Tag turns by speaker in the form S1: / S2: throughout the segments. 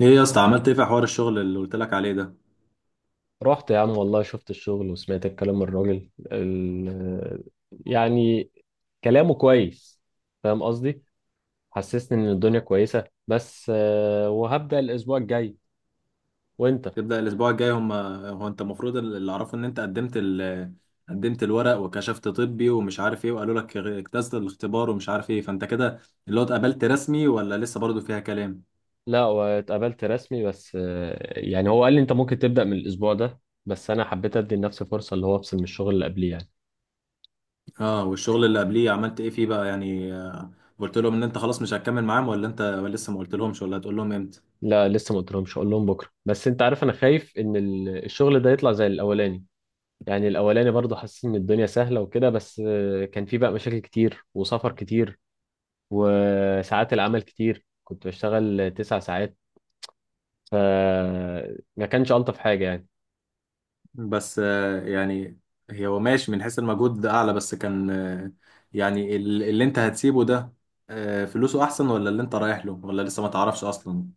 S1: ايه يا اسطى، عملت ايه في حوار الشغل اللي قلت لك عليه ده؟
S2: رحت يا عم، والله شفت الشغل وسمعت الكلام من الراجل يعني كلامه كويس، فاهم قصدي؟ حسسني ان الدنيا كويسة، بس وهبدأ الاسبوع الجاي. وانت؟
S1: تبدأ الاسبوع الجاي؟ هم، هو انت المفروض اللي اعرفه ان انت قدمت قدمت الورق وكشفت طبي ومش عارف ايه، وقالوا لك اجتزت الاختبار ومش عارف ايه، فانت كده اللي هو اتقبلت رسمي ولا لسه برضو فيها كلام؟
S2: لا، واتقابلت رسمي، بس يعني هو قال لي انت ممكن تبدأ من الاسبوع ده، بس انا حبيت ادي لنفسي فرصة اللي هو افصل من الشغل اللي قبليه يعني.
S1: اه، والشغل اللي قبليه عملت ايه فيه بقى؟ يعني قلت لهم ان انت خلاص مش هتكمل معاهم، ولا انت لسه ما قلت لهمش، ولا هتقول لهم امتى؟
S2: لا، لسه ما قلتلهمش، اقول لهم بكرة. بس انت عارف، انا خايف ان الشغل ده يطلع زي الاولاني. يعني الاولاني برضه حسيت ان الدنيا سهله وكده، بس كان في بقى مشاكل كتير وسفر كتير وساعات العمل كتير، كنت بشتغل 9 ساعات، فما كانش الطف حاجه يعني.
S1: بس آه، يعني هي، هو ماشي من حيث المجهود، ده اعلى، بس كان يعني اللي انت هتسيبه ده، فلوسه احسن، ولا اللي انت رايح له، ولا لسه ما تعرفش اصلا؟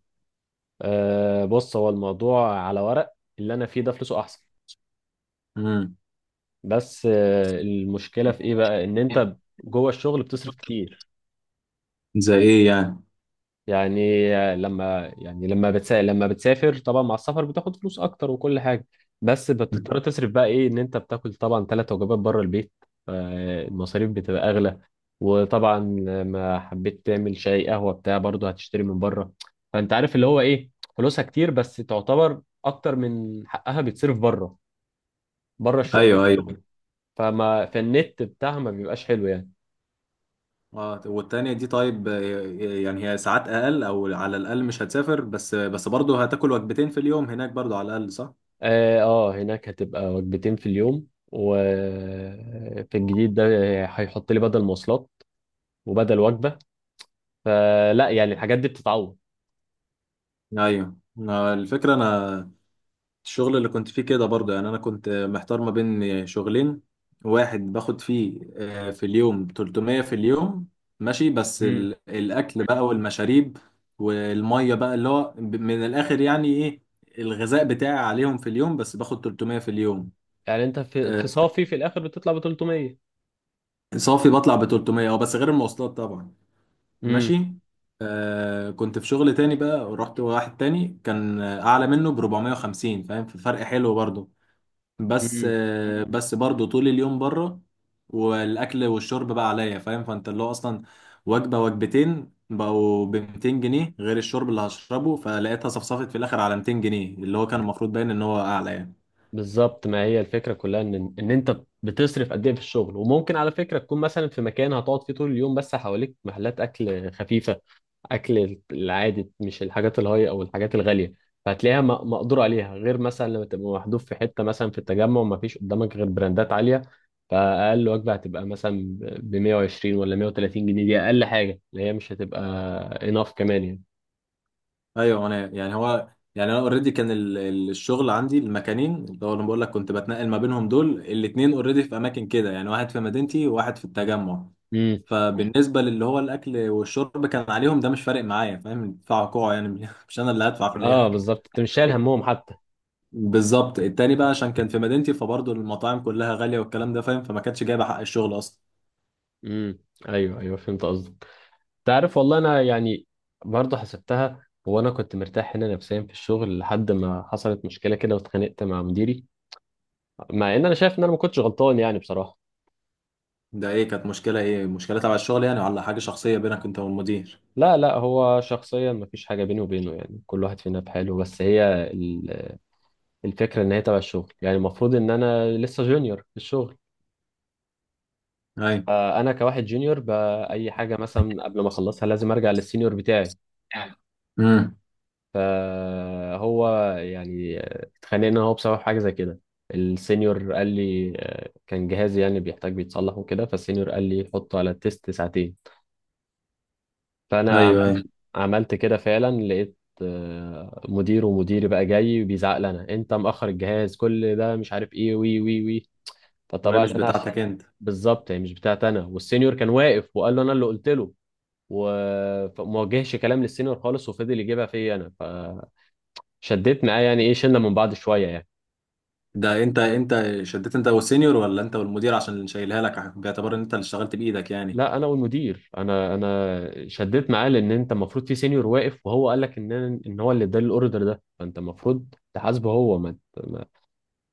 S2: بص، هو الموضوع على ورق اللي انا فيه ده فلوسه احسن.
S1: امم.
S2: بس المشكله في ايه بقى، ان انت جوه الشغل بتصرف كتير.
S1: زي ايه يعني؟
S2: لما بتسافر طبعا، مع السفر بتاخد فلوس اكتر وكل حاجه، بس بتضطر تصرف بقى ايه، ان انت بتاكل طبعا 3 وجبات بره البيت، فالمصاريف بتبقى اغلى. وطبعا لما حبيت تعمل شاي قهوه بتاع، برضه هتشتري من بره. فانت عارف اللي هو ايه، فلوسها كتير بس تعتبر اكتر من حقها بيتصرف بره. في
S1: ايوه ايوه.
S2: الشغل، فما فالنت بتاعها ما بيبقاش حلو يعني.
S1: اه، والتانية دي طيب، يعني هي ساعات اقل، او على الاقل مش هتسافر، بس برضه هتاكل وجبتين في اليوم هناك برضه على الاقل، صح؟
S2: اه، هناك هتبقى وجبتين في اليوم، وفي الجديد ده هيحط لي بدل مواصلات وبدل وجبة. فلا يعني الحاجات دي بتتعوض.
S1: ايوه. الفكرة، انا الشغل اللي كنت فيه كده برضه، يعني انا كنت محتار ما بين شغلين. واحد باخد فيه في اليوم 300 في اليوم، ماشي، بس
S2: امم
S1: الاكل بقى والمشاريب والميه بقى اللي هو من الاخر يعني ايه، الغذاء بتاعي عليهم في اليوم، بس باخد 300 في اليوم.
S2: يعني انت في
S1: آه،
S2: صافي في الاخر بتطلع ب 300؟
S1: صافي بطلع ب 300، اه، بس غير المواصلات طبعا،
S2: امم.
S1: ماشي. آه، كنت في شغل تاني بقى، ورحت واحد تاني كان اعلى منه ب 450، فاهم؟ في فرق حلو برضه،
S2: امم.
S1: بس برضو طول اليوم بره، والاكل والشرب بقى عليا، فاهم؟ فانت اللي هو اصلا وجبه وجبتين بقوا ب 200 جنيه غير الشرب اللي هشربه، فلقيتها صفصفت في الاخر على 200 جنيه، اللي هو كان المفروض باين ان هو اعلى يعني.
S2: بالظبط، ما هي الفكرة كلها ان انت بتصرف قد ايه في الشغل. وممكن على فكرة تكون مثلا في مكان هتقعد فيه طول اليوم، بس حواليك محلات اكل خفيفة، اكل العادي مش الحاجات الهاي او الحاجات الغاليه، فهتلاقيها مقدور عليها. غير مثلا لما تبقى محذوف في حته مثلا في التجمع وما فيش قدامك غير براندات عاليه، فاقل وجبه هتبقى مثلا ب 120 ولا 130 جنيه. دي اقل حاجه اللي هي مش هتبقى اناف كمان يعني.
S1: ايوه، انا يعني هو، يعني انا اوريدي كان الشغل عندي، المكانين اللي هو انا بقول لك كنت بتنقل ما بينهم دول الاتنين اوريدي في اماكن كده يعني، واحد في مدينتي وواحد في التجمع.
S2: امم.
S1: فبالنسبة للي هو الأكل والشرب كان عليهم ده، مش فارق معايا، فاهم؟ يدفعوا كوع يعني، مش أنا اللي هدفع في
S2: اه
S1: الآخر.
S2: بالظبط، انت مش شايل همهم حتى.
S1: بالظبط. التاني بقى، عشان كان في مدينتي، فبرضه المطاعم كلها غالية والكلام ده فاهم، فما كانتش جايبة حق الشغل أصلا.
S2: امم. ايوه ايوه، فهمت قصدك. تعرف والله، انا يعني برضه حسبتها. وانا كنت مرتاح هنا نفسيا في الشغل، لحد ما حصلت مشكله كده واتخانقت مع مديري، مع ان انا شايف ان انا ما كنتش غلطان يعني بصراحه.
S1: ده إيه، كانت مشكلة إيه؟ مشكلة تبع الشغل يعني، ولا حاجة شخصية بينك أنت والمدير؟
S2: لا لا، هو شخصيا ما فيش حاجه بيني وبينه، يعني كل واحد فينا بحاله. بس هي الفكره ان هي تبع الشغل. يعني المفروض ان انا لسه جونيور في الشغل،
S1: أيوة.
S2: فانا كواحد جونيور باي حاجه مثلا قبل ما اخلصها لازم ارجع للسينيور بتاعي.
S1: يعني، امم.
S2: فهو يعني اتخانقنا هو بسبب حاجه زي كده. السينيور قال لي كان جهازي يعني بيحتاج بيتصلح وكده. فالسينيور قال لي حطه على التيست ساعتين،
S1: أيوه
S2: فانا
S1: أيوه.
S2: عملت كده فعلا. لقيت مدير، ومديري بقى جاي بيزعق لنا، انت مأخر الجهاز كل ده مش عارف ايه، وي وي وي.
S1: وهي
S2: فطبعا
S1: مش
S2: انا عشان
S1: بتاعتك أنت؟
S2: بالظبط هي مش بتاعت انا، والسينيور كان واقف وقال له انا اللي قلت له. فما وجهش كلام للسينيور خالص، وفضل يجيبها فيا انا. فشديت معاه يعني، ايه شلنا من بعض شويه يعني.
S1: ده أنت، أنت شديت أنت والسينيور، ولا أنت والمدير عشان اللي شايلها لك باعتبار إن أنت اللي اشتغلت بإيدك يعني؟
S2: لا، انا والمدير. انا شديت معاه، لان انت المفروض في سينيور واقف وهو قال لك ان هو اللي ادالي الاوردر ده، فانت المفروض تحاسبه هو. ما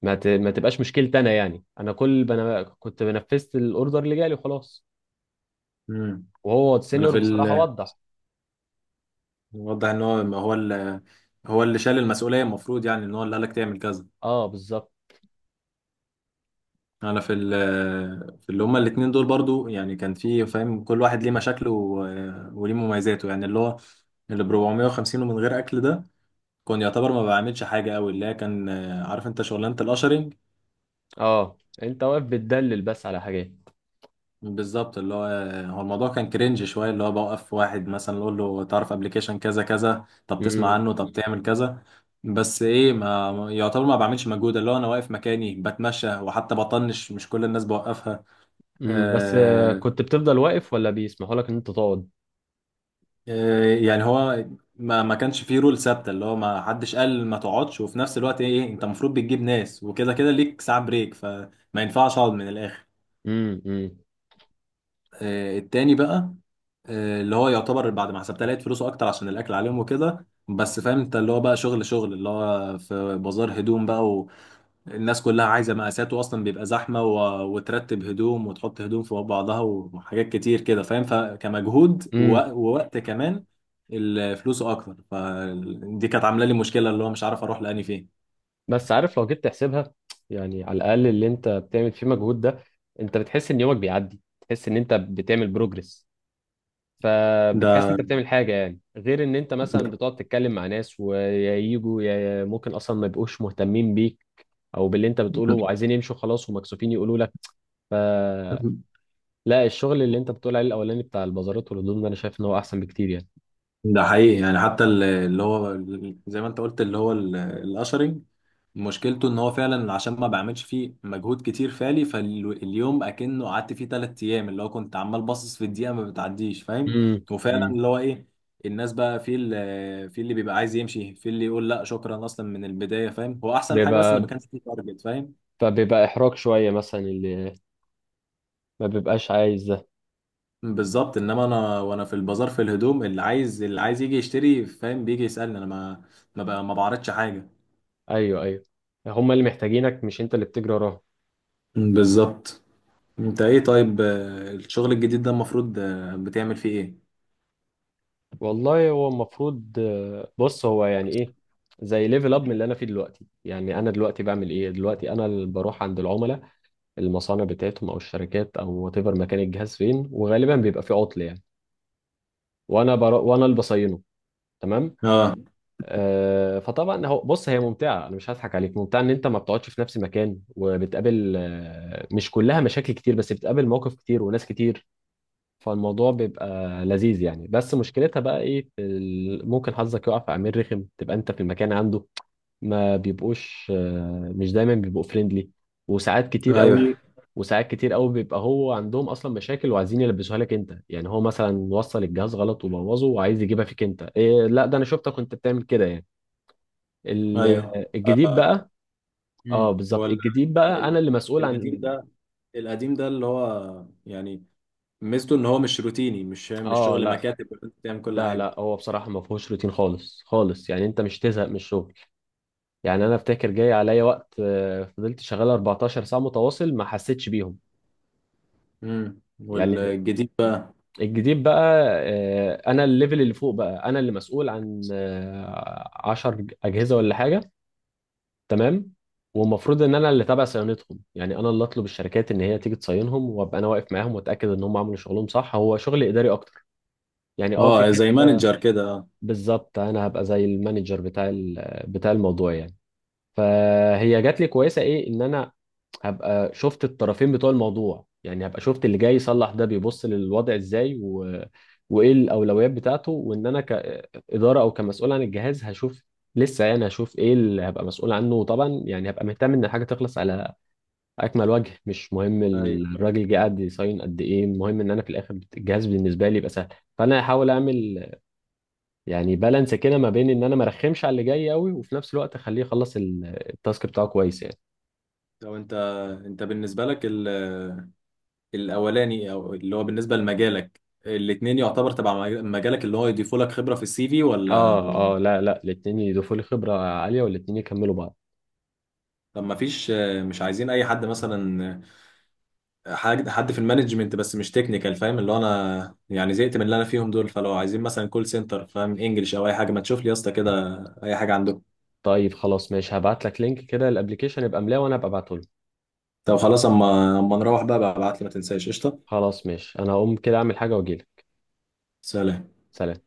S2: ما ت... ما تبقاش مشكلتي انا. يعني انا كنت بنفذت الاوردر اللي جالي وخلاص.
S1: امم.
S2: وهو
S1: أنا
S2: السينيور
S1: في
S2: بصراحه
S1: ال...
S2: وضح.
S1: واضح ان هو، ما هو اللي، هو اللي شال المسؤوليه المفروض، يعني ان هو اللي قالك تعمل كذا.
S2: اه بالظبط،
S1: انا في ال... في اللي هما الاتنين دول برضو، يعني كان في فاهم كل واحد ليه مشاكله وليه مميزاته، يعني اللي هو اللي ب 450 ومن غير اكل ده، كان يعتبر ما بعملش حاجه قوي، اللي هي كان عارف انت شغلانه القشري.
S2: اه انت واقف بتدلل بس على حاجات.
S1: بالظبط. اللي هو، هو الموضوع كان كرنج شويه، اللي هو بوقف واحد مثلا اقول له تعرف ابلكيشن كذا كذا، طب تسمع
S2: امم.
S1: عنه، طب تعمل كذا. بس ايه، ما يعتبر ما بعملش مجهود، اللي هو انا واقف مكاني بتمشى، وحتى بطنش مش كل الناس بوقفها.
S2: امم. بس
S1: آه،
S2: كنت بتفضل واقف ولا بيسمحوا لك ان انت تقعد؟
S1: آه، يعني هو ما ما كانش فيه رول ثابته، اللي هو ما حدش قال ما تقعدش، وفي نفس الوقت ايه إيه، انت المفروض بتجيب ناس وكده، كده ليك ساعه بريك، فما ينفعش اقعد من الاخر.
S2: امم. امم.
S1: التاني بقى، اللي هو يعتبر بعد ما حسبتها لقيت فلوسه اكتر، عشان الاكل عليهم وكده، بس فاهم انت اللي هو بقى شغل اللي هو في بازار هدوم بقى، والناس كلها عايزه مقاسات، واصلا بيبقى زحمه وترتب هدوم وتحط هدوم في بعضها، وحاجات كتير كده فاهم، فكمجهود
S2: امم.
S1: ووقت كمان، الفلوس اكتر، فدي كانت عامله لي مشكله، اللي هو مش عارف اروح لاني فين.
S2: بس عارف، لو جيت تحسبها، يعني على الاقل اللي انت بتعمل فيه مجهود ده، انت بتحس ان يومك بيعدي، تحس ان انت بتعمل بروجرس، فبتحس
S1: ده،
S2: انت بتعمل حاجه يعني، غير ان انت مثلا بتقعد تتكلم مع ناس، ويا يجوا يا ممكن اصلا ما يبقوش مهتمين بيك او باللي انت بتقوله وعايزين يمشوا خلاص ومكسوفين يقولوا لك. فلا، الشغل اللي انت بتقول عليه الاولاني بتاع البازارات والهدوم ده، انا شايف ان هو احسن بكتير يعني.
S1: ده حقيقي يعني، حتى اللي هو زي ما انت قلت، اللي هو الاشرنج مشكلته ان هو فعلا، عشان ما بعملش فيه مجهود كتير فعلي، فاليوم اكنه قعدت فيه ثلاث ايام، اللي هو كنت عمال باصص في الدقيقه ما بتعديش فاهم.
S2: امم.
S1: وفعلا
S2: امم.
S1: اللي هو ايه، الناس بقى في اللي بيبقى عايز يمشي، في اللي يقول لا شكرا اصلا من البدايه، فاهم هو احسن حاجه، بس ان
S2: بيبقى
S1: ما كانش فيه تارجت فاهم.
S2: فبيبقى احراج شويه مثلا، اللي ما بيبقاش عايز ده.
S1: بالظبط. انما انا وانا في البازار، في الهدوم، اللي عايز يجي يشتري فاهم، بيجي يسالني انا، ما بقى ما بعرضش حاجه.
S2: ايوه ايوه، هما اللي محتاجينك مش انت اللي بتجري وراهم.
S1: بالظبط. انت ايه طيب، الشغل الجديد ده المفروض بتعمل فيه ايه؟
S2: والله هو المفروض بص، هو يعني ايه، زي ليفل اب من اللي انا فيه دلوقتي. يعني انا دلوقتي بعمل ايه، دلوقتي انا اللي بروح عند العملاء، المصانع بتاعتهم او الشركات او وات ايفر، مكان الجهاز فين، وغالبا بيبقى فيه عطل يعني، وانا اللي بصينه. تمام.
S1: اه،
S2: فطبعا هو، بص، هي ممتعه، انا مش هضحك عليك، ممتعه ان انت ما بتقعدش في نفس المكان، وبتقابل مش كلها مشاكل كتير، بس بتقابل مواقف كتير وناس كتير، فالموضوع بيبقى لذيذ يعني. بس مشكلتها بقى ايه، في ممكن حظك يقع في عميل رخم، تبقى انت في المكان عنده، ما بيبقوش مش دايما بيبقوا فريندلي. وساعات كتير
S1: ايوه
S2: قوي. وساعات كتير قوي بيبقى هو عندهم اصلا مشاكل، وعايزين يلبسوها لك انت، يعني هو مثلا وصل الجهاز غلط وبوظه وعايز يجيبها فيك، انت إيه، لا ده انا شفتك كنت بتعمل كده يعني. ال-
S1: ايوه.
S2: الجديد بقى. اه
S1: امم.
S2: بالظبط،
S1: هو
S2: الجديد بقى انا
S1: ال-
S2: اللي مسؤول
S1: القديم
S2: عن.
S1: ده، القديم ده اللي هو يعني ميزته ان هو مش روتيني، مش
S2: اه
S1: شغل
S2: لا
S1: مكاتب، وانت بتعمل كل
S2: لا
S1: حاجه.
S2: لا، هو بصراحة ما فيهوش روتين خالص خالص، يعني انت مش تزهق من الشغل. يعني انا افتكر جاي عليا وقت فضلت شغال 14 ساعه متواصل ما حسيتش بيهم
S1: امم.
S2: يعني.
S1: والجديد بقى؟
S2: الجديد بقى انا الليفل اللي فوق بقى، انا اللي مسؤول عن 10 اجهزه ولا حاجه. تمام. والمفروض ان انا اللي تابع صيانتهم، يعني انا اللي اطلب الشركات ان هي تيجي تصينهم، وابقى انا واقف معاهم واتاكد ان هم عملوا شغلهم صح. هو شغل اداري اكتر يعني، اه في
S1: اه، زي
S2: حته.
S1: مانجر كده، اه.
S2: بالظبط انا هبقى زي المانجر بتاع بتاع الموضوع يعني. فهي جات لي كويسه ايه، ان انا هبقى شفت الطرفين بتوع الموضوع، يعني هبقى شفت اللي جاي يصلح ده بيبص للوضع ازاي، و... وايه الاولويات بتاعته، وان انا كاداره او كمسؤول عن الجهاز هشوف، لسه يعني هشوف ايه اللي هبقى مسؤول عنه. وطبعا يعني هبقى مهتم ان الحاجه تخلص على اكمل وجه، مش مهم
S1: ايوه.
S2: الراجل جه قاعد يصين قد ايه، المهم ان انا في الاخر الجهاز بالنسبه لي يبقى سهل. فانا هحاول اعمل يعني بالانس كده، ما بين ان انا ما ارخمش على اللي جاي قوي، وفي نفس الوقت اخليه يخلص التاسك بتاعه كويس يعني.
S1: طب انت، انت بالنسبه لك الاولاني او اللي هو بالنسبه لمجالك، الاتنين يعتبر تبع مجالك اللي هو يضيفوا لك خبره في السي في ولا؟
S2: اه اه لا لا، الاتنين يضيفوا لي خبرة عالية والاتنين يكملوا بعض.
S1: طب ما فيش، مش عايزين اي حد مثلا، حد في المانجمنت بس مش تكنيكال، فاهم اللي هو انا يعني زهقت من اللي انا فيهم دول، فلو عايزين مثلا كول سنتر فاهم انجلش او اي حاجه، ما تشوف لي يا اسطى كده، اي حاجه عندكم.
S2: طيب خلاص ماشي، هبعت لك لينك كده الابليكيشن، يبقى ملاه وانا هبقى ابعته له.
S1: طب خلاص، اما نروح بقى ببعت لي، ما تنساش قشطه.
S2: خلاص ماشي، انا هقوم كده اعمل حاجة واجيلك.
S1: سلام.
S2: سلام.